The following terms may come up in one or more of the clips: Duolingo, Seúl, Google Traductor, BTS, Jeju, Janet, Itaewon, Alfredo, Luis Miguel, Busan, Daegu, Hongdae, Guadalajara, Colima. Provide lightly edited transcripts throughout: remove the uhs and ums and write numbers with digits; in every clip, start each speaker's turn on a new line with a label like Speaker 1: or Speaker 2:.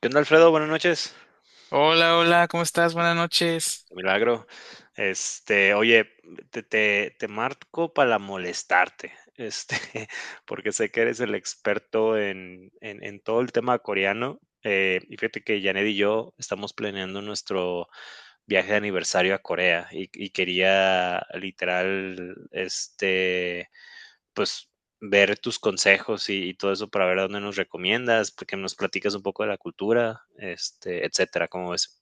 Speaker 1: ¿Qué onda, Alfredo? Buenas noches.
Speaker 2: Hola, hola, ¿cómo estás? Buenas noches.
Speaker 1: Qué milagro. Oye, te marco para molestarte, porque sé que eres el experto en todo el tema coreano. Y fíjate que Janet y yo estamos planeando nuestro viaje de aniversario a Corea y quería literal, pues ver tus consejos y todo eso para ver a dónde nos recomiendas, porque nos platicas un poco de la cultura, etcétera. ¿Cómo ves?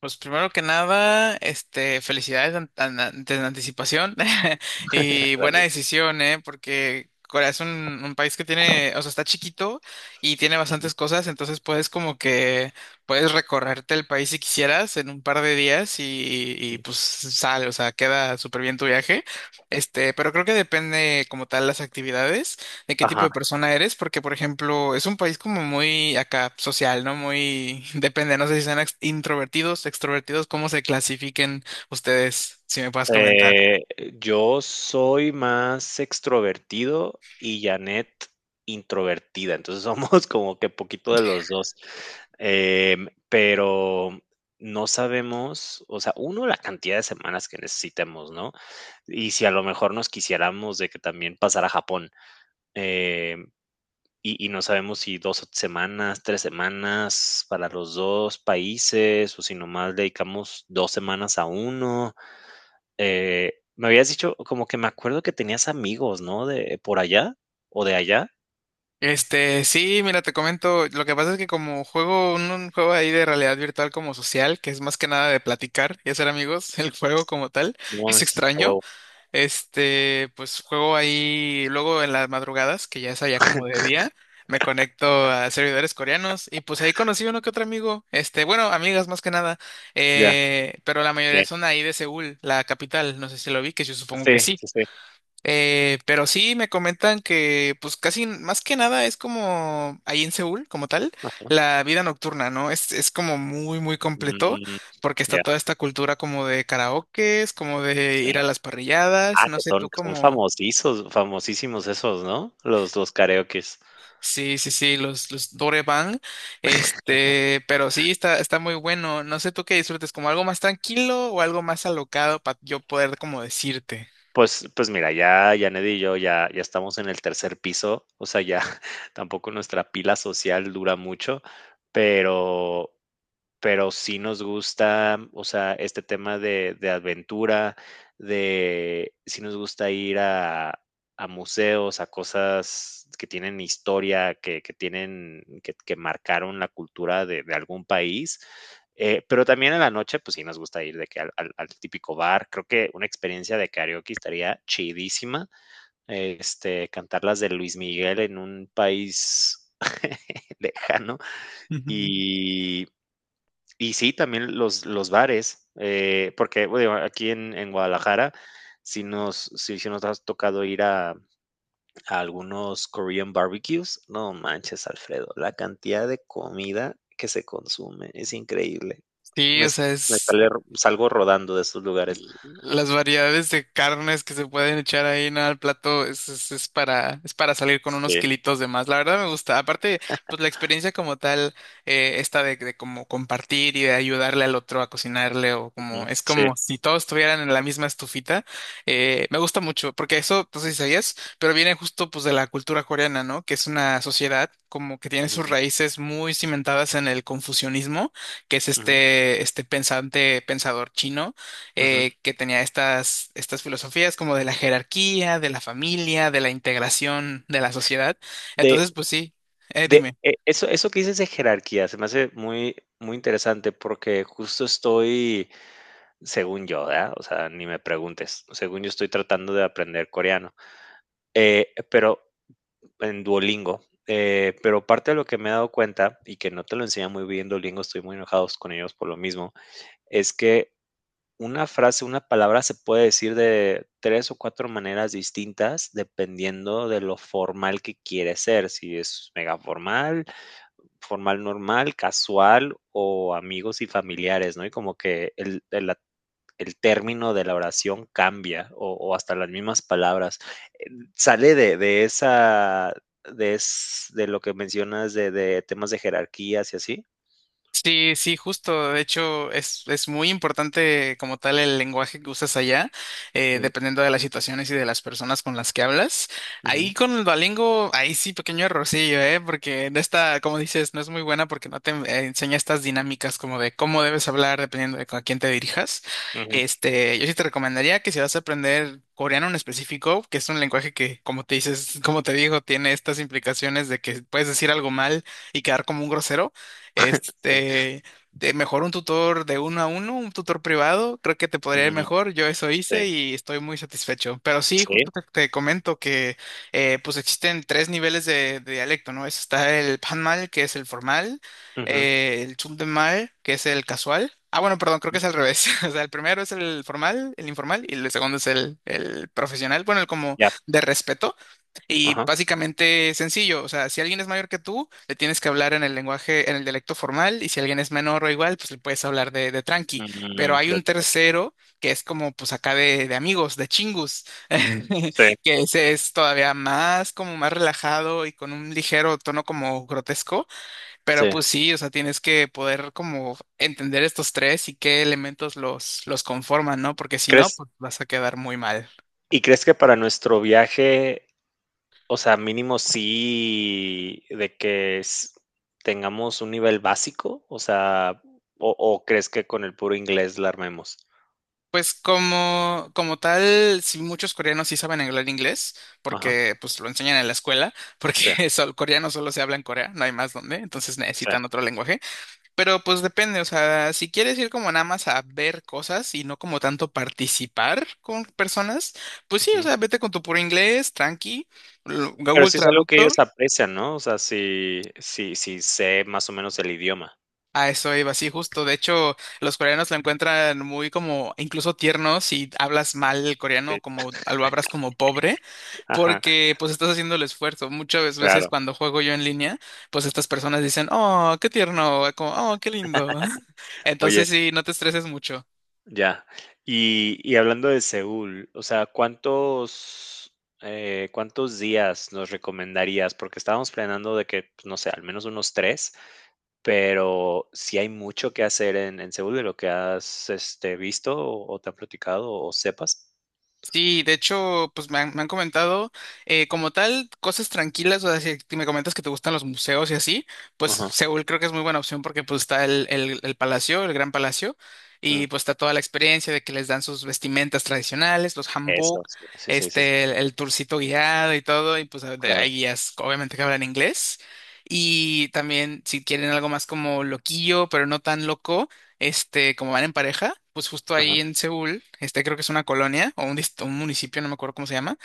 Speaker 2: Pues primero que nada, felicidades en anticipación y buena decisión, ¿eh? Porque Corea es un país que tiene, o sea, está chiquito y tiene
Speaker 1: Ujú.
Speaker 2: bastantes cosas, entonces puedes como que puedes recorrerte el país si quisieras en un par de días y pues sale, o sea, queda súper bien tu viaje. Este, pero creo que depende como tal las actividades de qué tipo
Speaker 1: Ajá.
Speaker 2: de persona eres, porque por ejemplo es un país como muy acá social, ¿no? Muy depende, no sé si sean introvertidos, extrovertidos, cómo se clasifiquen ustedes, si me puedes comentar.
Speaker 1: Eh, yo soy más extrovertido y Janet introvertida, entonces somos como que poquito de los dos. Pero no sabemos, o sea, uno la cantidad de semanas que necesitemos, ¿no? Y si a lo mejor nos quisiéramos de que también pasar a Japón. Em, y y no sabemos si 2 semanas, 3 semanas para los 2 países, o si nomás dedicamos 2 semanas a uno. Me habías dicho, como que me acuerdo que tenías amigos, ¿no? De por allá o de allá.
Speaker 2: Este, sí, mira, te comento, lo que pasa es que como juego un juego ahí de realidad virtual como social, que es más que nada de platicar y hacer amigos. El juego como tal
Speaker 1: No
Speaker 2: es
Speaker 1: mames, a
Speaker 2: extraño.
Speaker 1: huevo.
Speaker 2: Este, pues juego ahí luego en las madrugadas, que ya es allá como de día, me conecto a servidores coreanos y pues ahí conocí uno que otro amigo, este, bueno, amigas más que nada.
Speaker 1: Ya,
Speaker 2: Eh, pero la mayoría
Speaker 1: ya.
Speaker 2: son ahí de Seúl, la capital, no sé si lo vi, que yo supongo
Speaker 1: Sí,
Speaker 2: que sí.
Speaker 1: sí, sí.
Speaker 2: Pero sí me comentan que pues más que nada es como ahí en Seúl, como tal, la vida nocturna, ¿no? Es como muy, muy completo,
Speaker 1: Mm,
Speaker 2: porque está
Speaker 1: ya,
Speaker 2: toda esta cultura como de karaokes, como de ir a
Speaker 1: sí.
Speaker 2: las parrilladas,
Speaker 1: Ah,
Speaker 2: no
Speaker 1: que
Speaker 2: sé
Speaker 1: son
Speaker 2: tú
Speaker 1: que son
Speaker 2: como,
Speaker 1: famosísimos famosísimos esos, ¿no? Los karaokes.
Speaker 2: sí, sí, sí, los Dorebang. Este, pero sí está, está muy bueno. No sé tú qué disfrutes, como algo más tranquilo o algo más alocado para yo poder como decirte.
Speaker 1: Pues mira, ya Yaned y yo ya estamos en el tercer piso, o sea, ya tampoco nuestra pila social dura mucho, pero pero sí nos gusta, o sea, este tema de aventura, de sí nos gusta ir a museos, a cosas que tienen historia, que tienen, que marcaron la cultura de algún país. Pero también en la noche, pues sí nos gusta ir de que al típico bar. Creo que una experiencia de karaoke estaría chidísima. Cantar las de Luis Miguel en un país lejano. Y y sí, también los bares, porque bueno, aquí en Guadalajara sí nos has tocado ir a algunos Korean barbecues. No manches, Alfredo, la cantidad de comida que se consume es increíble.
Speaker 2: Sí,
Speaker 1: Me,
Speaker 2: o
Speaker 1: s-
Speaker 2: sea,
Speaker 1: me
Speaker 2: es
Speaker 1: sale, salgo rodando de esos lugares.
Speaker 2: las variedades de carnes que se pueden echar ahí, ¿no?, al plato. Es, es para salir con unos
Speaker 1: Sí,
Speaker 2: kilitos de más. La verdad me gusta. Aparte, pues la experiencia como tal, esta de como compartir y de ayudarle al otro a cocinarle o
Speaker 1: ujú,
Speaker 2: como, es
Speaker 1: sí.
Speaker 2: como si todos estuvieran en la misma estufita. Me gusta mucho, porque eso, pues si sabías, pero viene justo pues de la cultura coreana, ¿no? Que es una sociedad como que tiene sus
Speaker 1: Ujú,
Speaker 2: raíces muy cimentadas en el confucianismo, que es
Speaker 1: ujú,
Speaker 2: este, este pensador chino.
Speaker 1: ujú.
Speaker 2: Que tenía estas, estas filosofías como de la jerarquía, de la familia, de la integración de la sociedad.
Speaker 1: De,
Speaker 2: Entonces, pues sí,
Speaker 1: de
Speaker 2: dime.
Speaker 1: eh, eso, eso que dices de jerarquía se me hace muy, muy interesante porque justo estoy según yo, ¿verdad? O sea, ni me preguntes. Según yo estoy tratando de aprender coreano. Pero en Duolingo. Pero parte de lo que me he dado cuenta y que no te lo enseña muy bien Duolingo, estoy muy enojados con ellos por lo mismo, es que una frase, una palabra se puede decir de tres o cuatro maneras distintas dependiendo de lo formal que quieres ser, si es mega formal, formal normal, casual o amigos y familiares, ¿no? Y como que el- la el término de la oración cambia o hasta las mismas palabras. Eh, Sale de lo que mencionas de temas de jerarquías y así.
Speaker 2: Sí, sí, justo. De hecho, es muy importante como tal el lenguaje que usas allá,
Speaker 1: Ujú,
Speaker 2: dependiendo de las situaciones y de las personas con las que hablas.
Speaker 1: ujú,
Speaker 2: Ahí con el Duolingo, ahí sí, pequeño errorcillo, ¿eh? Porque de esta, como dices, no es muy buena porque no te enseña estas dinámicas como de cómo debes hablar dependiendo de a quién te dirijas.
Speaker 1: ujú,
Speaker 2: Este, yo sí te recomendaría que si vas a aprender coreano en específico, que es un lenguaje que, como te dices, como te digo, tiene estas implicaciones de que puedes decir algo mal y quedar como un grosero.
Speaker 1: sí,
Speaker 2: Este, de mejor un tutor de uno a uno, un tutor privado, creo que te podría ir
Speaker 1: mm,
Speaker 2: mejor. Yo eso
Speaker 1: sí,
Speaker 2: hice y estoy muy satisfecho. Pero sí,
Speaker 1: sí,
Speaker 2: justo te comento que pues existen tres niveles de dialecto, ¿no? Está el panmal, que es el formal,
Speaker 1: ujú,
Speaker 2: el chundemal, que es el casual. Ah, bueno, perdón, creo que
Speaker 1: ujú,
Speaker 2: es al revés. O sea, el primero es el formal, el informal, y el segundo es el profesional, bueno, el como
Speaker 1: ya,
Speaker 2: de respeto. Y
Speaker 1: ajá,
Speaker 2: básicamente sencillo, o sea, si alguien es mayor que tú, le tienes que hablar en el lenguaje, en el dialecto formal, y si alguien es menor o igual, pues le puedes hablar de tranqui. Pero
Speaker 1: mm,
Speaker 2: hay
Speaker 1: de
Speaker 2: un
Speaker 1: acuerdo,
Speaker 2: tercero que es como, pues acá de amigos, de chingus,
Speaker 1: sí,
Speaker 2: que ese es todavía más, como más relajado y con un ligero tono como grotesco. Pero
Speaker 1: sí.
Speaker 2: pues sí, o sea, tienes que poder como entender estos tres y qué elementos los conforman, ¿no? Porque si no,
Speaker 1: ¿Crees
Speaker 2: pues vas a quedar muy mal.
Speaker 1: crees que para nuestro viaje, o sea, mínimo sí de que tengamos un nivel básico, o sea, o crees que con el puro inglés la armemos.
Speaker 2: Pues como, como tal, sí, muchos coreanos sí saben hablar inglés,
Speaker 1: Ajá,
Speaker 2: porque pues lo enseñan en la escuela, porque
Speaker 1: sí,
Speaker 2: coreano solo se habla en Corea, no hay más donde, entonces
Speaker 1: sí.
Speaker 2: necesitan otro lenguaje. Pero pues depende, o sea, si quieres ir como nada más a ver cosas y no como tanto participar con personas, pues sí, o
Speaker 1: Ujú.
Speaker 2: sea, vete con tu puro inglés, tranqui,
Speaker 1: Pero
Speaker 2: Google
Speaker 1: sí es algo que
Speaker 2: Traductor.
Speaker 1: ellos aprecian, ¿no? O sea, sí, sí, sí sé más o menos el idioma.
Speaker 2: A eso iba, sí, justo. De hecho, los coreanos lo encuentran muy como incluso tierno si hablas mal el coreano,
Speaker 1: Sí.
Speaker 2: como lo hablas como pobre,
Speaker 1: Ajá,
Speaker 2: porque pues estás haciendo el esfuerzo. Muchas veces
Speaker 1: claro.
Speaker 2: cuando juego yo en línea, pues estas personas dicen, oh, qué tierno, como, oh, qué lindo.
Speaker 1: Oye,
Speaker 2: Entonces sí, no te estreses mucho.
Speaker 1: ya. Y hablando de Seúl, o sea, cuántos días nos recomendarías? Porque estábamos planeando de que, pues, no sé, al menos unos tres, pero si hay mucho que hacer en Seúl de lo que has visto o te han platicado o sepas.
Speaker 2: Sí, de hecho, pues me han comentado como tal cosas tranquilas, o sea, si me comentas que te gustan los museos y así, pues
Speaker 1: Ajá.
Speaker 2: Seúl creo que es muy buena opción porque pues está el palacio, el Gran Palacio,
Speaker 1: Mm,
Speaker 2: y pues está toda la experiencia de que les dan sus vestimentas tradicionales, los
Speaker 1: eso,
Speaker 2: hanbok,
Speaker 1: sí, sí, sí, sí, sí,
Speaker 2: este, el tourcito guiado y todo, y pues
Speaker 1: claro.
Speaker 2: hay guías obviamente que hablan inglés. Y también si quieren algo más como loquillo, pero no tan loco, este, como van en pareja, pues justo
Speaker 1: Ajá.
Speaker 2: ahí en Seúl, este, creo que es una colonia o un municipio, no me acuerdo cómo se llama,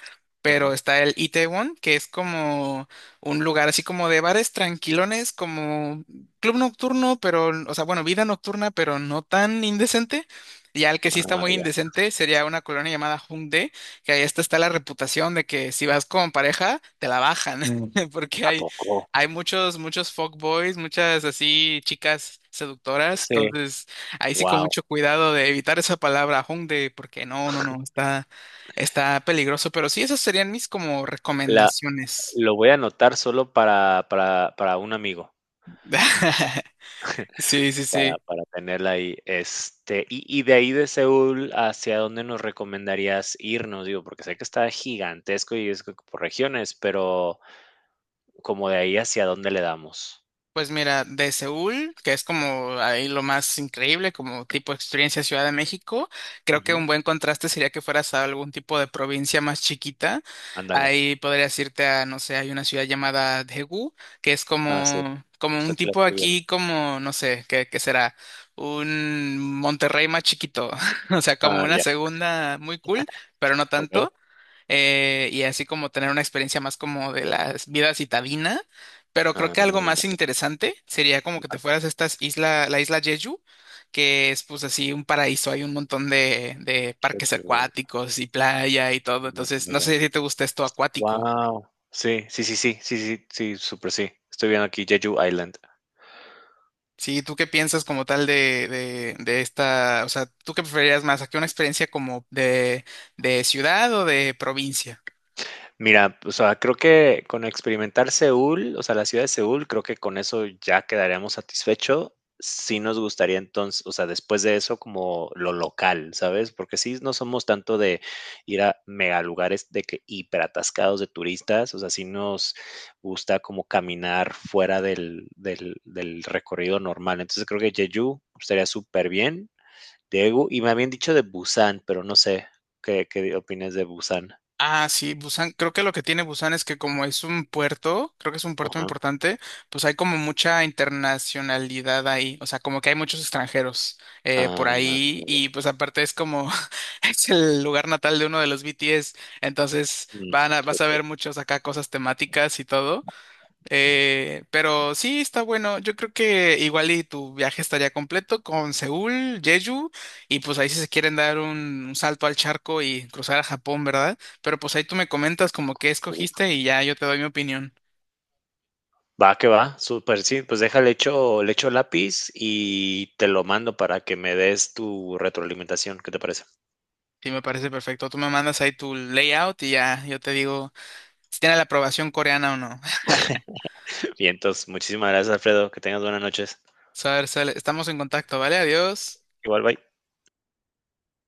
Speaker 2: pero
Speaker 1: Ujú.
Speaker 2: está el Itaewon, que es como un lugar así como de bares tranquilones, como club nocturno, pero, o sea, bueno, vida nocturna, pero no tan indecente. Y al que sí está
Speaker 1: Ah,
Speaker 2: muy
Speaker 1: ya.
Speaker 2: indecente sería una colonia llamada Hongdae, que ahí hasta está la reputación de que si vas con pareja, te la bajan, porque
Speaker 1: ¿A
Speaker 2: hay,
Speaker 1: poco?
Speaker 2: hay muchos, muchos fuckboys, muchas así chicas seductoras,
Speaker 1: Sí,
Speaker 2: entonces ahí sí con
Speaker 1: wow.
Speaker 2: mucho cuidado de evitar esa palabra Hongdae, porque no, no, no, está, está peligroso. Pero sí, esas serían mis como
Speaker 1: La,
Speaker 2: recomendaciones.
Speaker 1: lo voy a anotar solo para un amigo.
Speaker 2: Sí, sí,
Speaker 1: Para
Speaker 2: sí.
Speaker 1: para tenerla ahí, y de ahí de Seúl, ¿hacia dónde nos recomendarías irnos? Digo, porque sé que está gigantesco y es por regiones, pero como de ahí, ¿hacia dónde le damos?
Speaker 2: Pues mira, de Seúl, que es como ahí lo más increíble, como tipo experiencia Ciudad de México, creo que
Speaker 1: Ujú,
Speaker 2: un buen contraste sería que fueras a algún tipo de provincia más chiquita.
Speaker 1: ándale.
Speaker 2: Ahí podrías irte a, no sé, hay una ciudad llamada Daegu, que es
Speaker 1: Ah, sí,
Speaker 2: como, como
Speaker 1: justo
Speaker 2: un
Speaker 1: aquí la
Speaker 2: tipo
Speaker 1: estoy viendo.
Speaker 2: aquí, como, no sé, ¿qué, qué será? Un Monterrey más chiquito, o sea, como
Speaker 1: Ah,
Speaker 2: una
Speaker 1: ya,
Speaker 2: segunda muy cool, pero no
Speaker 1: okey.
Speaker 2: tanto. Y así como tener una experiencia más como de la vida citadina. Pero creo
Speaker 1: Ah,
Speaker 2: que algo más interesante sería como que te fueras a estas isla, la isla Jeju, que es pues así un paraíso, hay un montón de parques
Speaker 1: Jeju,
Speaker 2: acuáticos y playa y todo. Entonces, no sé si te gusta esto acuático.
Speaker 1: guau. Sí, sí, sí, sí, sí, sí, sí, súper sí. Estoy viendo aquí Jeju Island.
Speaker 2: Sí, ¿tú qué piensas como tal de esta, o sea, ¿tú qué preferirías más? ¿Aquí una experiencia como de ciudad o de provincia?
Speaker 1: Mira, o sea, creo que con experimentar Seúl, o sea, la ciudad de Seúl, creo que con eso ya quedaríamos satisfecho. Sí nos gustaría entonces, o sea, después de eso como lo local, ¿sabes? Porque sí no somos tanto de ir a mega lugares de que hiperatascados de turistas, o sea, sí nos gusta como caminar fuera del recorrido normal. Entonces creo que Jeju estaría súper bien. Daegu, y me habían dicho de Busan, pero no sé qué opinas de Busan.
Speaker 2: Ah, sí, Busan, creo que lo que tiene Busan es que como es un puerto, creo que es un puerto importante, pues hay como mucha internacionalidad ahí, o sea, como que hay muchos extranjeros por
Speaker 1: Ah,
Speaker 2: ahí y pues aparte es como, es el lugar natal de uno de los BTS, entonces
Speaker 1: mm,
Speaker 2: vas a
Speaker 1: okey.
Speaker 2: ver muchos acá cosas temáticas y todo. Pero sí, está bueno. Yo creo que igual y tu viaje estaría completo con Seúl, Jeju, y pues ahí si se quieren dar un salto al charco y cruzar a Japón, ¿verdad? Pero pues ahí tú me comentas como qué
Speaker 1: Uf,
Speaker 2: escogiste y ya yo te doy mi opinión.
Speaker 1: va que va, súper, sí, pues deja, le echo lápiz y te lo mando para que me des tu retroalimentación, ¿qué te parece?
Speaker 2: Sí, me parece perfecto. Tú me mandas ahí tu layout y ya yo te digo si tiene la aprobación coreana o no.
Speaker 1: Bien, entonces muchísimas gracias, Alfredo, que tengas buenas noches.
Speaker 2: Saber, sale. Estamos en contacto, ¿vale? Adiós.
Speaker 1: Igual, bye.